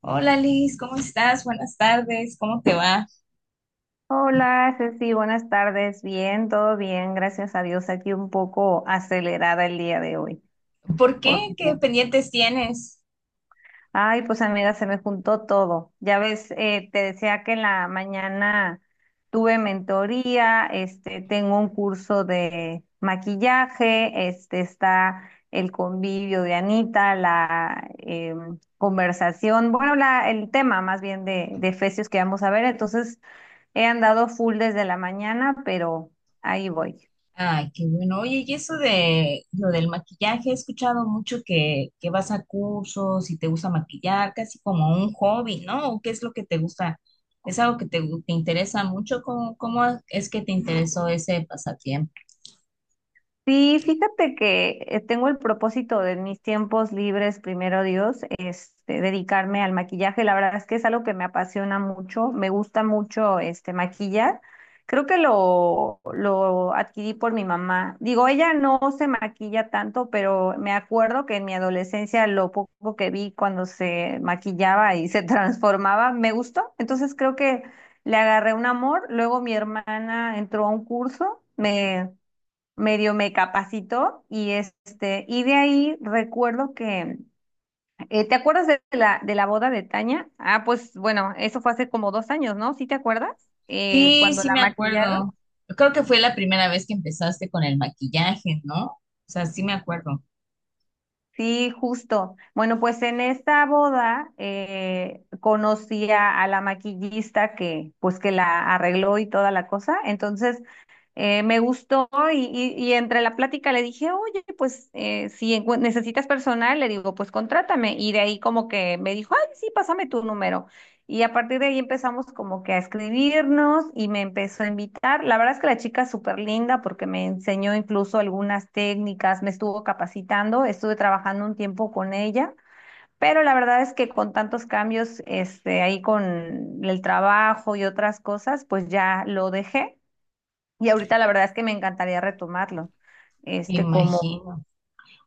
Hola Liz, ¿cómo estás? Buenas tardes, ¿cómo te va? Hola, Ceci, buenas tardes. Bien, todo bien, gracias a Dios. Aquí un poco acelerada el día de hoy, ¿Por qué? porque ¿Qué pendientes tienes? Ay, pues amiga, se me juntó todo. Ya ves, te decía que en la mañana tuve mentoría, tengo un curso de maquillaje, está el convivio de Anita, la conversación, bueno, el tema más bien de Efesios que vamos a ver. Entonces, he andado full desde la mañana, pero ahí voy. Ay, qué bueno. Oye, y eso de lo del maquillaje, he escuchado mucho que vas a cursos y te gusta maquillar, casi como un hobby, ¿no? ¿O qué es lo que te gusta? ¿Es algo que te interesa mucho? ¿Cómo es que te interesó ese pasatiempo? Sí, fíjate que tengo el propósito de en mis tiempos libres, primero Dios, dedicarme al maquillaje. La verdad es que es algo que me apasiona mucho, me gusta mucho este maquillar. Creo que lo adquirí por mi mamá. Digo, ella no se maquilla tanto, pero me acuerdo que en mi adolescencia lo poco que vi cuando se maquillaba y se transformaba, me gustó. Entonces creo que le agarré un amor. Luego mi hermana entró a un curso, me medio me capacitó y y de ahí recuerdo que, ¿te acuerdas de la boda de Tania? Ah, pues bueno, eso fue hace como 2 años, ¿no? ¿Sí te acuerdas? Sí, Cuando sí la me maquillaron. acuerdo. Creo que fue la primera vez que empezaste con el maquillaje, ¿no? O sea, sí me acuerdo. Sí, justo. Bueno, pues en esta boda conocí a la maquillista que, pues que la arregló y toda la cosa. Entonces, me gustó y entre la plática le dije, oye, pues si necesitas personal, le digo, pues contrátame. Y de ahí como que me dijo, ay, sí, pásame tu número. Y a partir de ahí empezamos como que a escribirnos y me empezó a invitar. La verdad es que la chica es súper linda porque me enseñó incluso algunas técnicas, me estuvo capacitando, estuve trabajando un tiempo con ella. Pero la verdad es que con tantos cambios, ahí con el trabajo y otras cosas, pues ya lo dejé. Y ahorita la verdad es que me encantaría retomarlo. Me Este, como, imagino.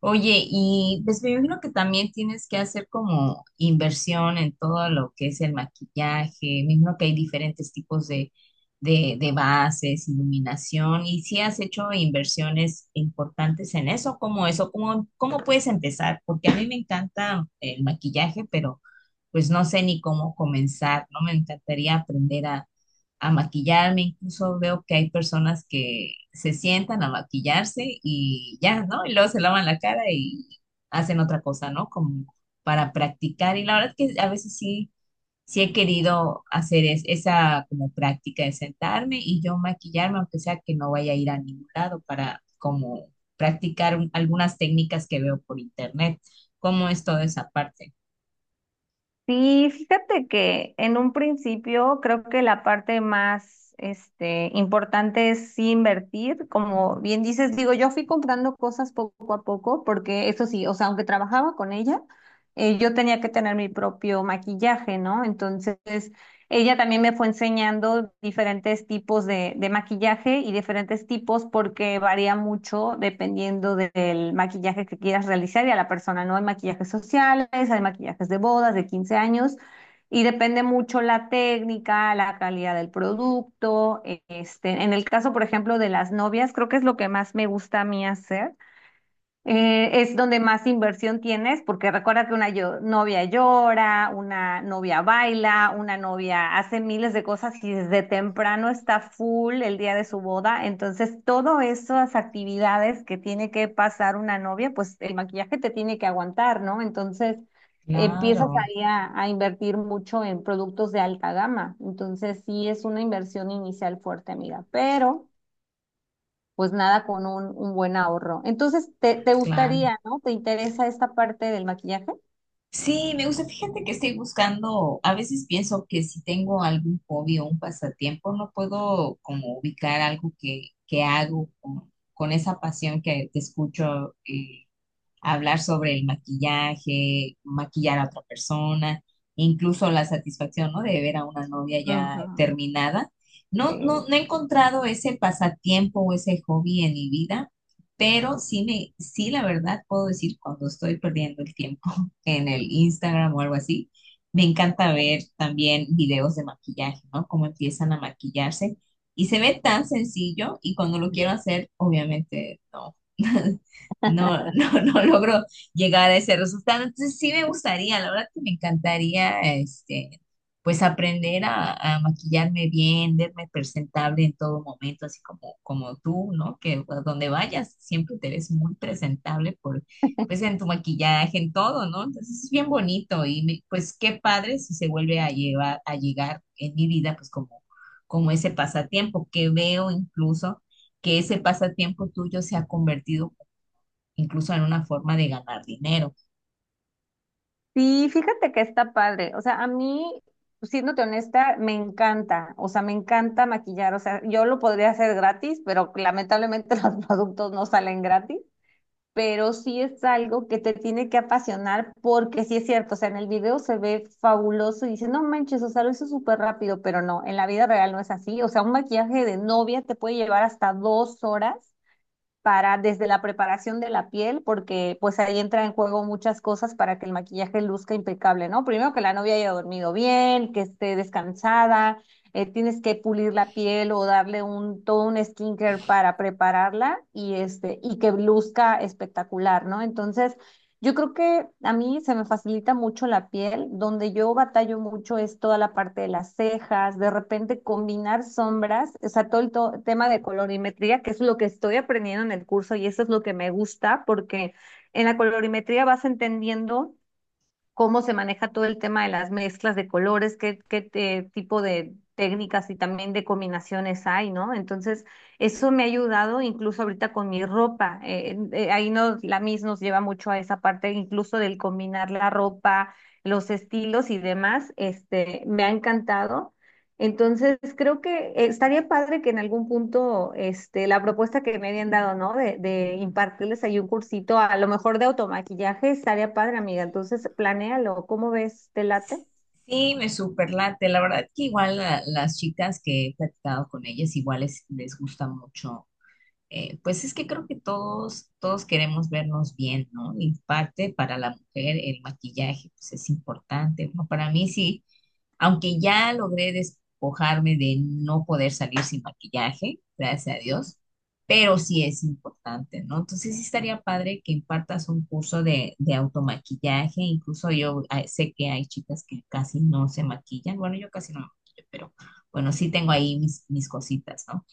Oye, y pues me imagino que también tienes que hacer como inversión en todo lo que es el maquillaje. Me imagino que hay diferentes tipos de bases, iluminación. ¿Y si has hecho inversiones importantes en eso? ¿Cómo eso? ¿Cómo puedes empezar? Porque a mí me encanta el maquillaje, pero pues no sé ni cómo comenzar, ¿no? Me encantaría aprender a maquillarme, incluso veo que hay personas que se sientan a maquillarse y ya, ¿no? Y luego se lavan la cara y hacen otra cosa, ¿no? Como para practicar. Y la verdad es que a veces sí, he querido hacer esa como práctica de sentarme y yo maquillarme, aunque sea que no vaya a ir a ningún lado para como practicar algunas técnicas que veo por internet. ¿Cómo es toda esa parte? sí, fíjate que en un principio creo que la parte más, importante es sí invertir. Como bien dices, digo, yo fui comprando cosas poco a poco, porque eso sí, o sea, aunque trabajaba con ella, yo tenía que tener mi propio maquillaje, ¿no? Entonces, ella también me fue enseñando diferentes tipos de maquillaje y diferentes tipos porque varía mucho dependiendo del maquillaje que quieras realizar y a la persona, ¿no? Hay maquillajes sociales, hay maquillajes de bodas, de 15 años y depende mucho la técnica, la calidad del producto. En el caso, por ejemplo, de las novias, creo que es lo que más me gusta a mí hacer, es donde más inversión tienes, porque recuerda que una novia llora, una novia baila, una novia hace miles de cosas y desde temprano está full el día de su boda. Entonces, todas esas actividades que tiene que pasar una novia, pues el maquillaje te tiene que aguantar, ¿no? Entonces, empiezas Claro. ahí a invertir mucho en productos de alta gama. Entonces, sí es una inversión inicial fuerte, amiga, pero pues nada con un buen ahorro. Entonces, te Claro. gustaría, ¿no? ¿Te interesa esta parte del maquillaje? Sí, me gusta. Fíjate que estoy buscando, a veces pienso que si tengo algún hobby o un pasatiempo, no puedo como ubicar algo que hago con esa pasión que escucho. Hablar sobre el maquillaje, maquillar a otra persona, incluso la satisfacción, ¿no? De ver a una novia ya Ujú, terminada. Sí. No he encontrado ese pasatiempo o ese hobby en mi vida, pero sí, la verdad, puedo decir cuando estoy perdiendo el tiempo en el Instagram o algo así, me encanta ver también videos de maquillaje, ¿no? Cómo empiezan a maquillarse. Y se ve tan sencillo y cuando lo quiero hacer, obviamente no. No, no logro llegar a ese resultado. Entonces sí me gustaría, la verdad que me encantaría, pues aprender a maquillarme bien, verme presentable en todo momento, así como tú, ¿no? Que a donde vayas siempre te ves muy presentable por, pues en tu maquillaje, en todo, ¿no? Entonces es bien bonito y pues qué padre si se vuelve a llegar en mi vida, pues como, como ese pasatiempo que veo incluso que ese pasatiempo tuyo se ha convertido incluso en una forma de ganar dinero. Sí, fíjate que está padre. O sea, a mí, siéndote honesta, me encanta. O sea, me encanta maquillar. O sea, yo lo podría hacer gratis, pero lamentablemente los productos no salen gratis. Pero sí es algo que te tiene que apasionar porque sí es cierto, o sea, en el video se ve fabuloso y dice, no manches, o sea, lo hizo súper rápido, pero no, en la vida real no es así, o sea, un maquillaje de novia te puede llevar hasta 2 horas para desde la preparación de la piel, porque pues ahí entra en juego muchas cosas para que el maquillaje luzca impecable, ¿no? Primero que la novia haya dormido bien, que esté descansada, tienes que pulir la piel o darle un todo un skincare para prepararla y este y que luzca espectacular, ¿no? Entonces, yo creo que a mí se me facilita mucho la piel, donde yo batallo mucho es toda la parte de las cejas, de repente combinar sombras, o sea, todo el tema de colorimetría, que es lo que estoy aprendiendo en el curso y eso es lo que me gusta, porque en la colorimetría vas entendiendo cómo se maneja todo el tema de las mezclas de colores, qué tipo de técnicas y también de combinaciones hay, ¿no? Entonces, eso me ha ayudado incluso ahorita con mi ropa. Ahí nos, la MIS nos lleva mucho a esa parte, incluso del combinar la ropa, los estilos y demás. Me ha encantado. Entonces, creo que estaría padre que en algún punto, la propuesta que me habían dado, ¿no? De impartirles ahí un cursito, a lo mejor de automaquillaje, estaría padre, amiga. Entonces, planéalo, ¿cómo ves? ¿Te late? Sí, me superlate. La verdad que igual las chicas que he platicado con ellas, igual les gusta mucho. Pues es que creo que todos queremos vernos bien, ¿no? Y parte para la mujer el maquillaje, pues es importante. Bueno, para mí sí, aunque ya logré despojarme de no poder salir sin maquillaje, gracias a Dios, pero sí es importante, ¿no? Entonces sí estaría padre que impartas un curso de automaquillaje. Incluso yo ah, sé que hay chicas que casi no se maquillan. Bueno, yo casi no me maquillo, pero bueno, sí tengo ahí mis cositas, ¿no?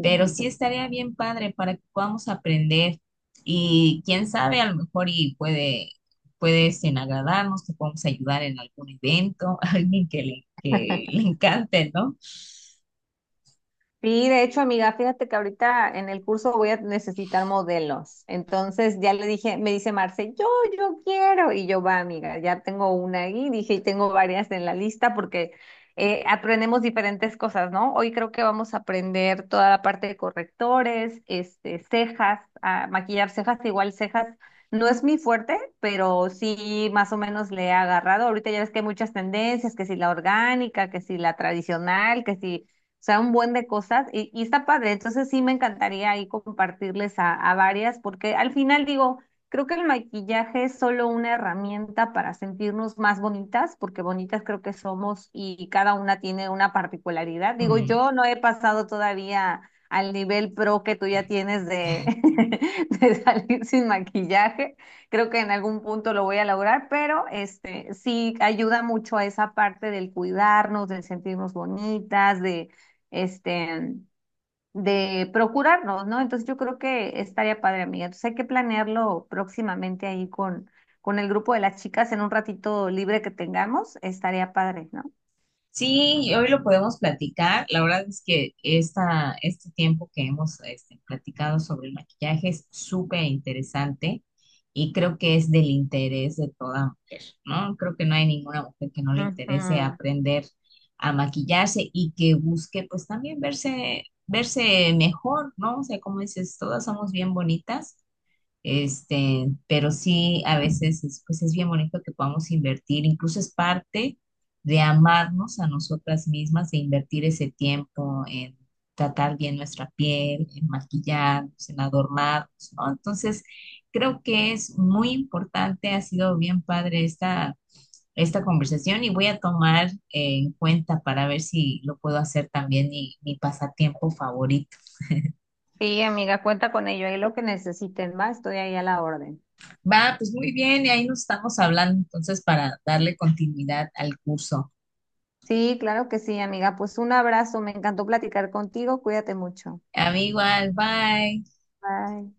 Pero sí estaría bien padre para que podamos aprender y quién sabe, a lo mejor y puede este, agradarnos, te podemos ayudar en algún evento, alguien que que le encante, ¿no? Sí, de hecho, amiga, fíjate que ahorita en el curso voy a necesitar modelos. Entonces ya le dije, me dice Marce, yo quiero. Y yo, va, amiga, ya tengo una ahí, dije, y tengo varias en la lista porque aprendemos diferentes cosas, ¿no? Hoy creo que vamos a aprender toda la parte de correctores, cejas, a maquillar cejas, igual cejas. No es mi fuerte, pero sí más o menos le he agarrado. Ahorita ya ves que hay muchas tendencias, que si la orgánica, que si la tradicional, que si o sea, un buen de cosas y está padre. Entonces sí me encantaría ahí compartirles a varias, porque al final digo, creo que el maquillaje es solo una herramienta para sentirnos más bonitas, porque bonitas creo que somos y cada una tiene una particularidad. Digo, yo no he pasado todavía al nivel pro que tú ya tienes de salir sin maquillaje. Creo que en algún punto lo voy a lograr, pero este sí ayuda mucho a esa parte del cuidarnos, del sentirnos bonitas, este, de procurarnos, ¿no? Entonces yo creo que estaría padre, amiga. Entonces hay que planearlo próximamente ahí con el grupo de las chicas en un ratito libre que tengamos, estaría padre, ¿no? Sí, y hoy lo podemos platicar. La verdad es que este tiempo que hemos este, platicado sobre el maquillaje es súper interesante y creo que es del interés de toda mujer, ¿no? Creo que no hay ninguna mujer que no le interese Ujú. aprender a maquillarse y que busque pues también verse mejor, ¿no? O sea, como dices, todas somos bien bonitas este, pero sí, a veces es, pues es bien bonito que podamos invertir, incluso es parte de amarnos a nosotras mismas, de invertir ese tiempo en tratar bien nuestra piel, en maquillarnos, en adornarnos, ¿no? Entonces, creo que es muy importante, ha sido bien padre esta conversación y voy a tomar en cuenta para ver si lo puedo hacer también mi pasatiempo favorito. Sí, amiga, cuenta con ello. Ahí lo que necesiten, va, estoy ahí a la orden. Va, pues muy bien, y ahí nos estamos hablando entonces para darle continuidad al curso. Sí, claro que sí, amiga. Pues un abrazo, me encantó platicar contigo, cuídate mucho. Amigo, bye. Bye.